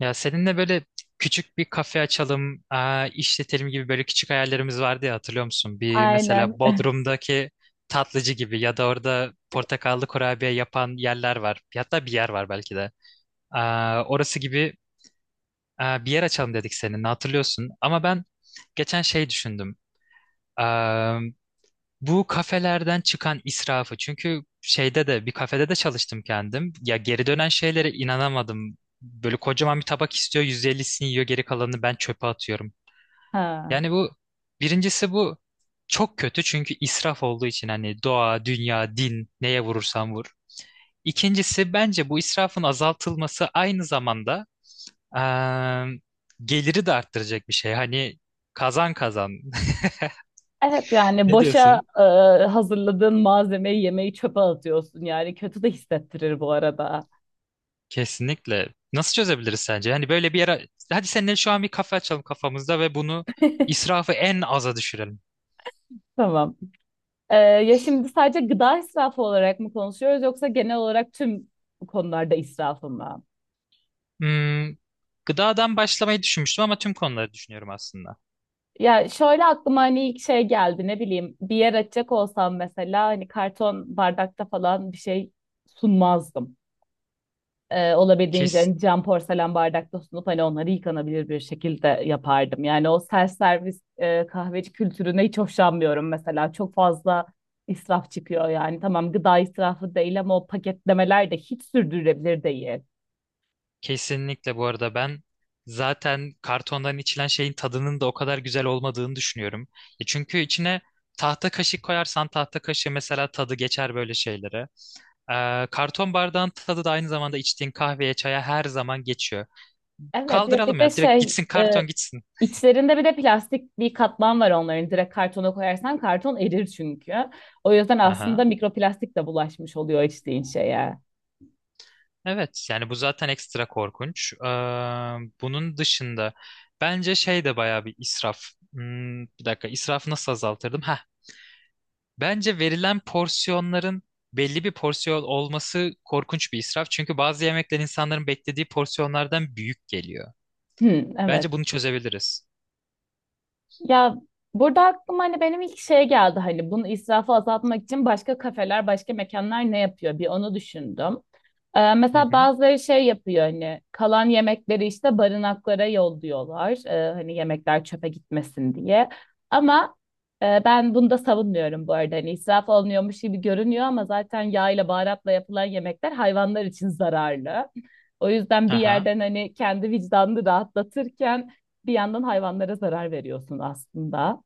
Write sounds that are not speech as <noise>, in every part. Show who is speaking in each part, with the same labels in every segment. Speaker 1: Ya seninle böyle küçük bir kafe açalım, işletelim gibi böyle küçük hayallerimiz vardı ya hatırlıyor musun? Bir mesela
Speaker 2: Aynen. <laughs>
Speaker 1: Bodrum'daki tatlıcı gibi ya da orada portakallı kurabiye yapan yerler var. Hatta bir yer var belki de. Orası gibi bir yer açalım dedik seninle hatırlıyorsun. Ama ben geçen şey düşündüm. Bu kafelerden çıkan israfı çünkü şeyde de bir kafede de çalıştım kendim. Ya geri dönen şeylere inanamadım. Böyle kocaman bir tabak istiyor, 150'sini yiyor, geri kalanını ben çöpe atıyorum.
Speaker 2: Ha.
Speaker 1: Yani bu birincisi bu çok kötü çünkü israf olduğu için hani doğa, dünya, din neye vurursan vur. İkincisi bence bu israfın azaltılması aynı zamanda eee, geliri de arttıracak bir şey. Hani kazan kazan. <laughs>
Speaker 2: Evet yani
Speaker 1: Ne
Speaker 2: boşa
Speaker 1: diyorsun?
Speaker 2: e, hazırladığın malzemeyi yemeği çöpe atıyorsun yani kötü de hissettirir bu arada.
Speaker 1: Kesinlikle. Nasıl çözebiliriz sence? Yani böyle bir yere... Hadi seninle şu an bir kafe açalım kafamızda ve bunu israfı en aza düşürelim.
Speaker 2: Tamam. Ya şimdi sadece gıda israfı olarak mı konuşuyoruz yoksa genel olarak tüm konularda israfı mı?
Speaker 1: Hmm, Gıdadan başlamayı düşünmüştüm ama tüm konuları düşünüyorum aslında.
Speaker 2: Ya şöyle aklıma hani ilk şey geldi ne bileyim bir yer açacak olsam mesela hani karton bardakta falan bir şey sunmazdım. Olabildiğince
Speaker 1: Kes,
Speaker 2: hani cam porselen bardakta sunup hani onları yıkanabilir bir şekilde yapardım. Yani o self servis kahveci kültürüne hiç hoşlanmıyorum mesela. Çok fazla israf çıkıyor yani. Tamam gıda israfı değil ama o paketlemeler de hiç sürdürülebilir değil.
Speaker 1: Kesinlikle bu arada ben zaten kartondan içilen şeyin tadının da o kadar güzel olmadığını düşünüyorum. Çünkü içine tahta kaşık koyarsan tahta kaşığı mesela tadı geçer böyle şeylere. Karton bardağın tadı da aynı zamanda içtiğin kahveye, çaya her zaman geçiyor.
Speaker 2: Evet ya bir
Speaker 1: Kaldıralım
Speaker 2: de
Speaker 1: ya. Direkt gitsin karton gitsin.
Speaker 2: İçlerinde bir de plastik bir katman var onların. Direkt kartona koyarsan karton erir çünkü. O yüzden aslında
Speaker 1: Aha.
Speaker 2: mikroplastik de bulaşmış oluyor içtiğin şeye.
Speaker 1: Evet yani bu zaten ekstra korkunç. Bunun dışında bence şey de bayağı bir israf. Bir dakika israfı nasıl azaltırdım? Heh. Bence verilen porsiyonların belli bir porsiyon olması korkunç bir israf. Çünkü bazı yemekler insanların beklediği porsiyonlardan büyük geliyor.
Speaker 2: Hı, evet.
Speaker 1: Bence bunu çözebiliriz.
Speaker 2: Ya burada aklıma hani benim ilk şey geldi hani bunu israfı azaltmak için başka kafeler, başka mekanlar ne yapıyor? Bir onu düşündüm.
Speaker 1: Hı
Speaker 2: Mesela
Speaker 1: hı.
Speaker 2: bazıları şey yapıyor hani kalan yemekleri işte barınaklara yolluyorlar. Hani yemekler çöpe gitmesin diye. Ama ben bunu da savunmuyorum bu arada. Hani israf olmuyormuş gibi görünüyor ama zaten yağ ile baharatla yapılan yemekler hayvanlar için zararlı. O yüzden bir
Speaker 1: Aha.
Speaker 2: yerden hani kendi vicdanını rahatlatırken bir yandan hayvanlara zarar veriyorsun aslında.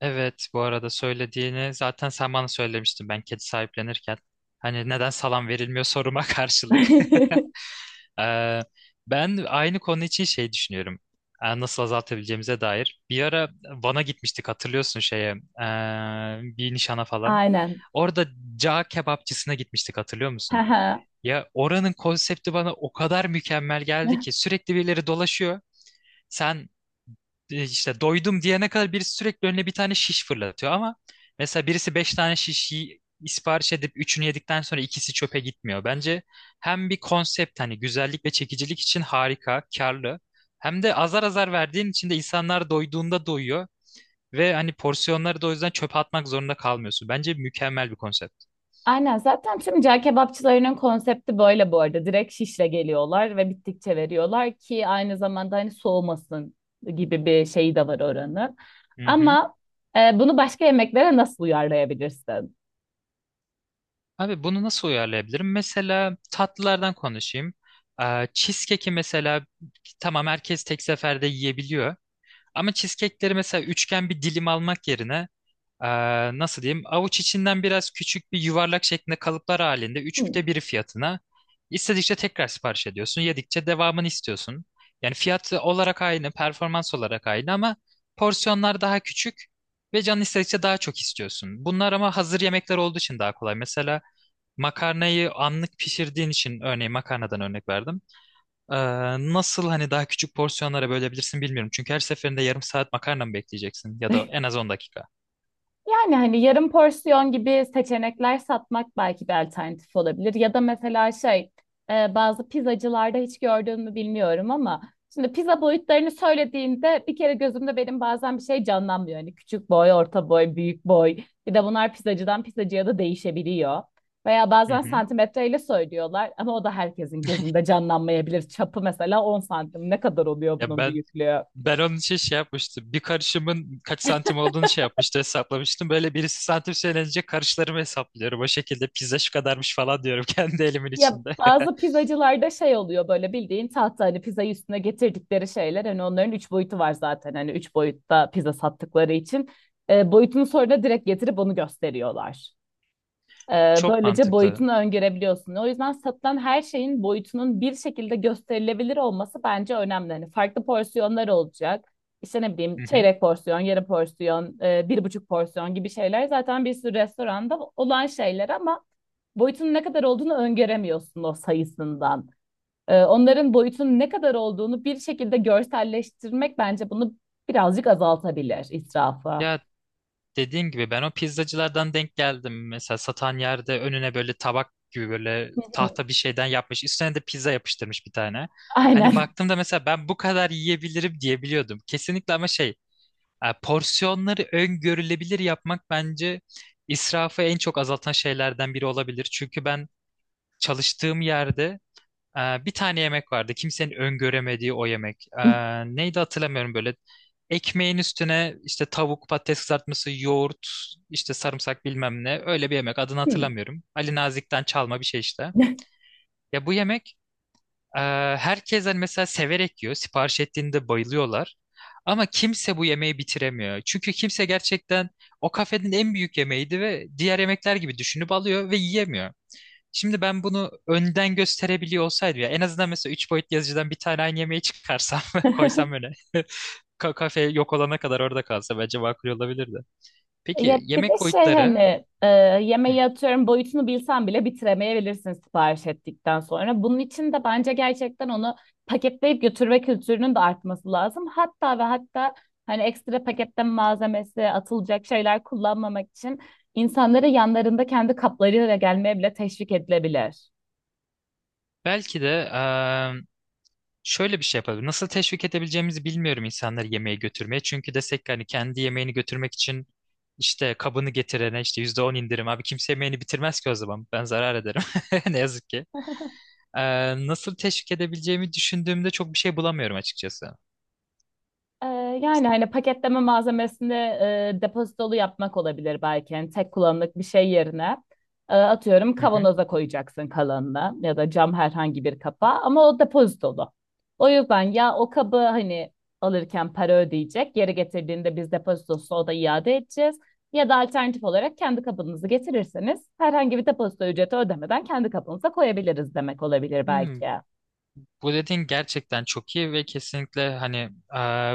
Speaker 1: Evet bu arada söylediğini zaten sen bana söylemiştin ben kedi sahiplenirken. Hani neden salam verilmiyor soruma <laughs> karşılık. <laughs>
Speaker 2: <laughs>
Speaker 1: Ee, Ben aynı konu için şey düşünüyorum. Nasıl azaltabileceğimize dair. Bir ara Van'a gitmiştik hatırlıyorsun şeye. Bir nişana falan.
Speaker 2: Aynen.
Speaker 1: Orada cağ kebapçısına gitmiştik hatırlıyor musun? Ya oranın konsepti bana o kadar mükemmel geldi ki
Speaker 2: <laughs>
Speaker 1: sürekli birileri dolaşıyor. Sen işte doydum diyene kadar birisi sürekli önüne bir tane şiş fırlatıyor ama mesela birisi 5 tane şişi sipariş edip üçünü yedikten sonra ikisi çöpe gitmiyor. Bence hem bir konsept hani güzellik ve çekicilik için harika, karlı hem de azar azar verdiğin için de insanlar doyduğunda doyuyor ve hani porsiyonları da o yüzden çöpe atmak zorunda kalmıyorsun. Bence mükemmel bir konsept.
Speaker 2: Aynen zaten tüm cağ kebapçılarının konsepti böyle bu arada. Direkt şişle geliyorlar ve bittikçe veriyorlar ki aynı zamanda hani soğumasın gibi bir şey de var oranın.
Speaker 1: Hı hı.
Speaker 2: Ama bunu başka yemeklere nasıl uyarlayabilirsin?
Speaker 1: Abi bunu nasıl uyarlayabilirim? Mesela tatlılardan konuşayım. Cheesecake'i mesela tamam herkes tek seferde yiyebiliyor. Ama cheesecake'leri mesela üçgen bir dilim almak yerine ee, nasıl diyeyim avuç içinden biraz küçük bir yuvarlak şeklinde kalıplar halinde
Speaker 2: Hmm.
Speaker 1: 1/3 fiyatına istedikçe tekrar sipariş ediyorsun. Yedikçe devamını istiyorsun. Yani fiyat olarak aynı, performans olarak aynı ama porsiyonlar daha küçük ve canın istedikçe daha çok istiyorsun. Bunlar ama hazır yemekler olduğu için daha kolay. Mesela makarnayı anlık pişirdiğin için örneğin makarnadan örnek verdim. Ee, Nasıl hani daha küçük porsiyonlara bölebilirsin bilmiyorum. Çünkü her seferinde yarım saat makarna mı bekleyeceksin ya da en
Speaker 2: <laughs>
Speaker 1: az 10 dakika.
Speaker 2: Yani hani yarım porsiyon gibi seçenekler satmak belki bir alternatif olabilir. Ya da mesela bazı pizzacılarda hiç gördün mü bilmiyorum ama şimdi pizza boyutlarını söylediğinde bir kere gözümde benim bazen bir şey canlanmıyor. Hani küçük boy, orta boy, büyük boy. Bir de bunlar pizzacıdan pizzacıya da değişebiliyor. Veya
Speaker 1: Hı
Speaker 2: bazen
Speaker 1: hı.
Speaker 2: santimetreyle söylüyorlar ama o da herkesin gözünde canlanmayabilir. Çapı mesela 10 santim ne kadar oluyor
Speaker 1: Ya
Speaker 2: bunun
Speaker 1: ben
Speaker 2: büyüklüğü?
Speaker 1: Ben onun için şey yapmıştım. Bir karışımın kaç santim olduğunu şey yapmıştı hesaplamıştım. Böyle birisi santim söylenince karışlarımı hesaplıyorum. O şekilde pizza şu kadarmış falan diyorum <laughs> kendi elimin
Speaker 2: Ya
Speaker 1: içinde.
Speaker 2: bazı pizzacılarda şey oluyor böyle bildiğin tahta hani pizzayı üstüne getirdikleri şeyler hani onların üç boyutu var zaten hani üç boyutta pizza sattıkları için boyutunu sonra da direkt getirip onu gösteriyorlar.
Speaker 1: <laughs> Çok
Speaker 2: Böylece
Speaker 1: mantıklı.
Speaker 2: boyutunu öngörebiliyorsun. O yüzden satılan her şeyin boyutunun bir şekilde gösterilebilir olması bence önemli. Hani farklı porsiyonlar olacak. İşte ne bileyim
Speaker 1: Hı hı.
Speaker 2: çeyrek porsiyon, yarı porsiyon, bir buçuk porsiyon gibi şeyler zaten bir sürü restoranda olan şeyler ama boyutunun ne kadar olduğunu öngöremiyorsun o sayısından. Onların boyutunun ne kadar olduğunu bir şekilde görselleştirmek bence bunu birazcık azaltabilir israfı. Hı
Speaker 1: Ya dediğim gibi ben o pizzacılardan denk geldim. Mesela satan yerde önüne böyle tabak gibi böyle
Speaker 2: hı.
Speaker 1: tahta bir şeyden yapmış. Üstüne de pizza yapıştırmış bir tane. Hani
Speaker 2: Aynen.
Speaker 1: baktığımda mesela ben bu kadar yiyebilirim diyebiliyordum. Kesinlikle ama şey. Porsiyonları öngörülebilir yapmak bence israfı en çok azaltan şeylerden biri olabilir. Çünkü ben çalıştığım yerde bir tane yemek vardı. Kimsenin öngöremediği o yemek. Neydi hatırlamıyorum böyle. Ekmeğin üstüne işte tavuk, patates kızartması, yoğurt, işte sarımsak bilmem ne. Öyle bir yemek adını hatırlamıyorum. Ali Nazik'ten çalma bir şey işte. Ya bu yemek ee, herkes hani mesela severek yiyor. Sipariş ettiğinde bayılıyorlar. Ama kimse bu yemeği bitiremiyor. Çünkü kimse gerçekten o kafenin en büyük yemeğiydi ve diğer yemekler gibi düşünüp alıyor ve yiyemiyor. Şimdi ben bunu önden gösterebiliyor olsaydım ya en azından mesela 3 boyutlu yazıcıdan bir tane aynı yemeği çıkarsam <laughs> ve koysam
Speaker 2: <laughs>
Speaker 1: öne. <laughs> Kafe yok olana kadar orada kalsa bence makul olabilirdi. Peki
Speaker 2: Ya bir de
Speaker 1: yemek
Speaker 2: şey
Speaker 1: boyutları,
Speaker 2: hani
Speaker 1: hı,
Speaker 2: yemeği atıyorum boyutunu bilsen bile bitiremeyebilirsin sipariş ettikten sonra. Bunun için de bence gerçekten onu paketleyip götürme kültürünün de artması lazım. Hatta ve hatta hani ekstra paketten malzemesi atılacak şeyler kullanmamak için İnsanlara yanlarında kendi kaplarıyla gelmeye bile teşvik edilebilir.
Speaker 1: belki de şöyle bir şey yapabilir. Nasıl teşvik edebileceğimizi bilmiyorum insanları yemeğe götürmeye. Çünkü desek ki hani kendi yemeğini götürmek için işte kabını getirene işte %10 indirim. Abi kimse yemeğini bitirmez ki o zaman. Ben zarar ederim. <laughs> Ne yazık ki.
Speaker 2: <laughs>
Speaker 1: Nasıl teşvik edebileceğimi düşündüğümde çok bir şey bulamıyorum açıkçası.
Speaker 2: Ee, Yani hani paketleme malzemesini depozitolu yapmak olabilir belki. Yani tek kullanımlık bir şey yerine atıyorum
Speaker 1: Hı hı.
Speaker 2: kavanoza koyacaksın kalanını ya da cam herhangi bir kapa ama o depozitolu. O yüzden ya o kabı hani alırken para ödeyecek, geri getirdiğinde biz depozitosunu o da iade edeceğiz. Ya da alternatif olarak kendi kabınızı getirirseniz herhangi bir depozito ücreti ödemeden kendi kabınıza koyabiliriz demek olabilir
Speaker 1: Hmm,
Speaker 2: belki.
Speaker 1: Bu dediğin gerçekten çok iyi ve kesinlikle hani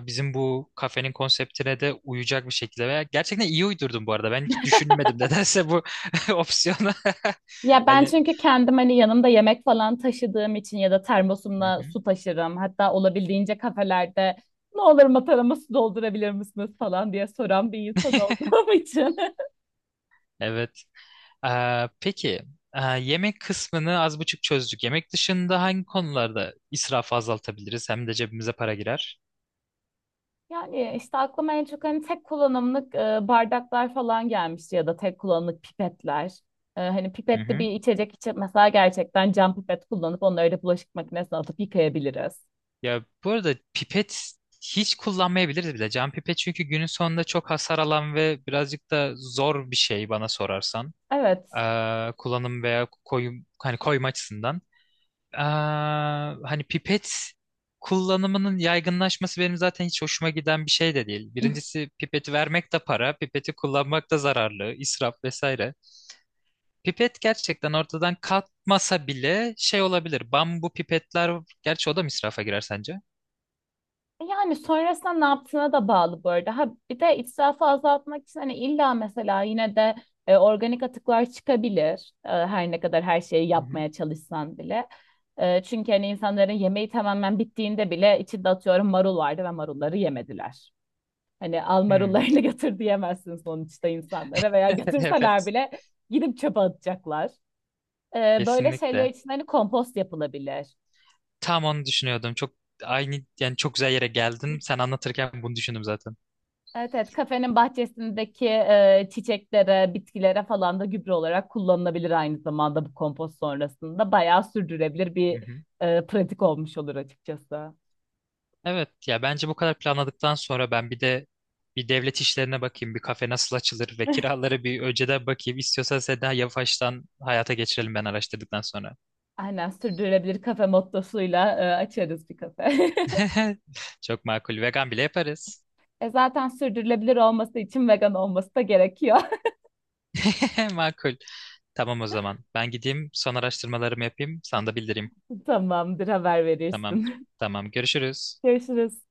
Speaker 1: bizim bu kafenin konseptine de uyacak bir şekilde veya gerçekten iyi uydurdun bu arada. Ben hiç düşünmedim nedense bu <laughs> opsiyonu.
Speaker 2: Ya
Speaker 1: <laughs>
Speaker 2: ben
Speaker 1: Hani.
Speaker 2: çünkü kendim hani yanımda yemek falan taşıdığım için ya da termosumla su taşırım. Hatta olabildiğince kafelerde ne olur matarama su doldurabilir misiniz falan diye soran bir insan olduğum <laughs> için.
Speaker 1: Evet. Peki yemek kısmını az buçuk çözdük. Yemek dışında hangi konularda israfı azaltabiliriz? Hem de cebimize para girer.
Speaker 2: Yani işte aklıma en çok hani tek kullanımlık bardaklar falan gelmişti ya da tek kullanımlık pipetler. Hani
Speaker 1: Hı
Speaker 2: pipetli
Speaker 1: hı.
Speaker 2: bir içecek için mesela gerçekten cam pipet kullanıp onları da bulaşık makinesine atıp yıkayabiliriz.
Speaker 1: Ya bu arada pipet hiç kullanmayabiliriz bile. Cam pipet çünkü günün sonunda çok hasar alan ve birazcık da zor bir şey bana sorarsan.
Speaker 2: Evet.
Speaker 1: Kullanım veya koyum hani koyma açısından. Hani pipet kullanımının yaygınlaşması benim zaten hiç hoşuma giden bir şey de değil. Birincisi pipeti vermek de para, pipeti kullanmak da zararlı, israf vesaire. Pipet gerçekten ortadan kalkmasa bile şey olabilir. Bambu pipetler, gerçi o da mı israfa girer sence?
Speaker 2: Yani sonrasında ne yaptığına da bağlı bu arada. Ha, bir de israfı azaltmak için hani illa mesela yine de organik atıklar çıkabilir. Her ne kadar her şeyi
Speaker 1: Hı hı.
Speaker 2: yapmaya çalışsan bile. Çünkü hani insanların yemeği tamamen bittiğinde bile içinde atıyorum marul vardı ve marulları yemediler. Hani al
Speaker 1: Hmm.
Speaker 2: marullarını <laughs> götür diyemezsin sonuçta insanlara veya
Speaker 1: <laughs>
Speaker 2: götürseler
Speaker 1: Evet.
Speaker 2: bile gidip çöpe atacaklar. Böyle şeyler
Speaker 1: Kesinlikle.
Speaker 2: için hani kompost yapılabilir.
Speaker 1: Tam onu düşünüyordum. Çok aynı yani çok güzel yere geldin. Sen anlatırken bunu düşündüm zaten.
Speaker 2: Evet evet kafenin bahçesindeki çiçeklere, bitkilere falan da gübre olarak kullanılabilir aynı zamanda bu kompost sonrasında. Bayağı sürdürülebilir bir pratik olmuş olur açıkçası.
Speaker 1: Evet ya bence bu kadar planladıktan sonra ben bir de bir devlet işlerine bakayım. Bir kafe nasıl açılır ve <laughs>
Speaker 2: <laughs>
Speaker 1: kiralara bir önceden bakayım. İstiyorsan sen daha yavaştan hayata geçirelim ben araştırdıktan sonra.
Speaker 2: Aynen sürdürülebilir kafe mottosuyla açarız bir kafe. <laughs>
Speaker 1: <laughs> Çok makul. Vegan bile yaparız.
Speaker 2: E zaten sürdürülebilir olması için vegan olması da gerekiyor.
Speaker 1: <laughs> Makul. Tamam o zaman. Ben gideyim son araştırmalarımı yapayım. Sana da bildireyim.
Speaker 2: <laughs> Tamamdır haber
Speaker 1: Tamam.
Speaker 2: verirsin.
Speaker 1: Tamam. Görüşürüz.
Speaker 2: <laughs> Görüşürüz.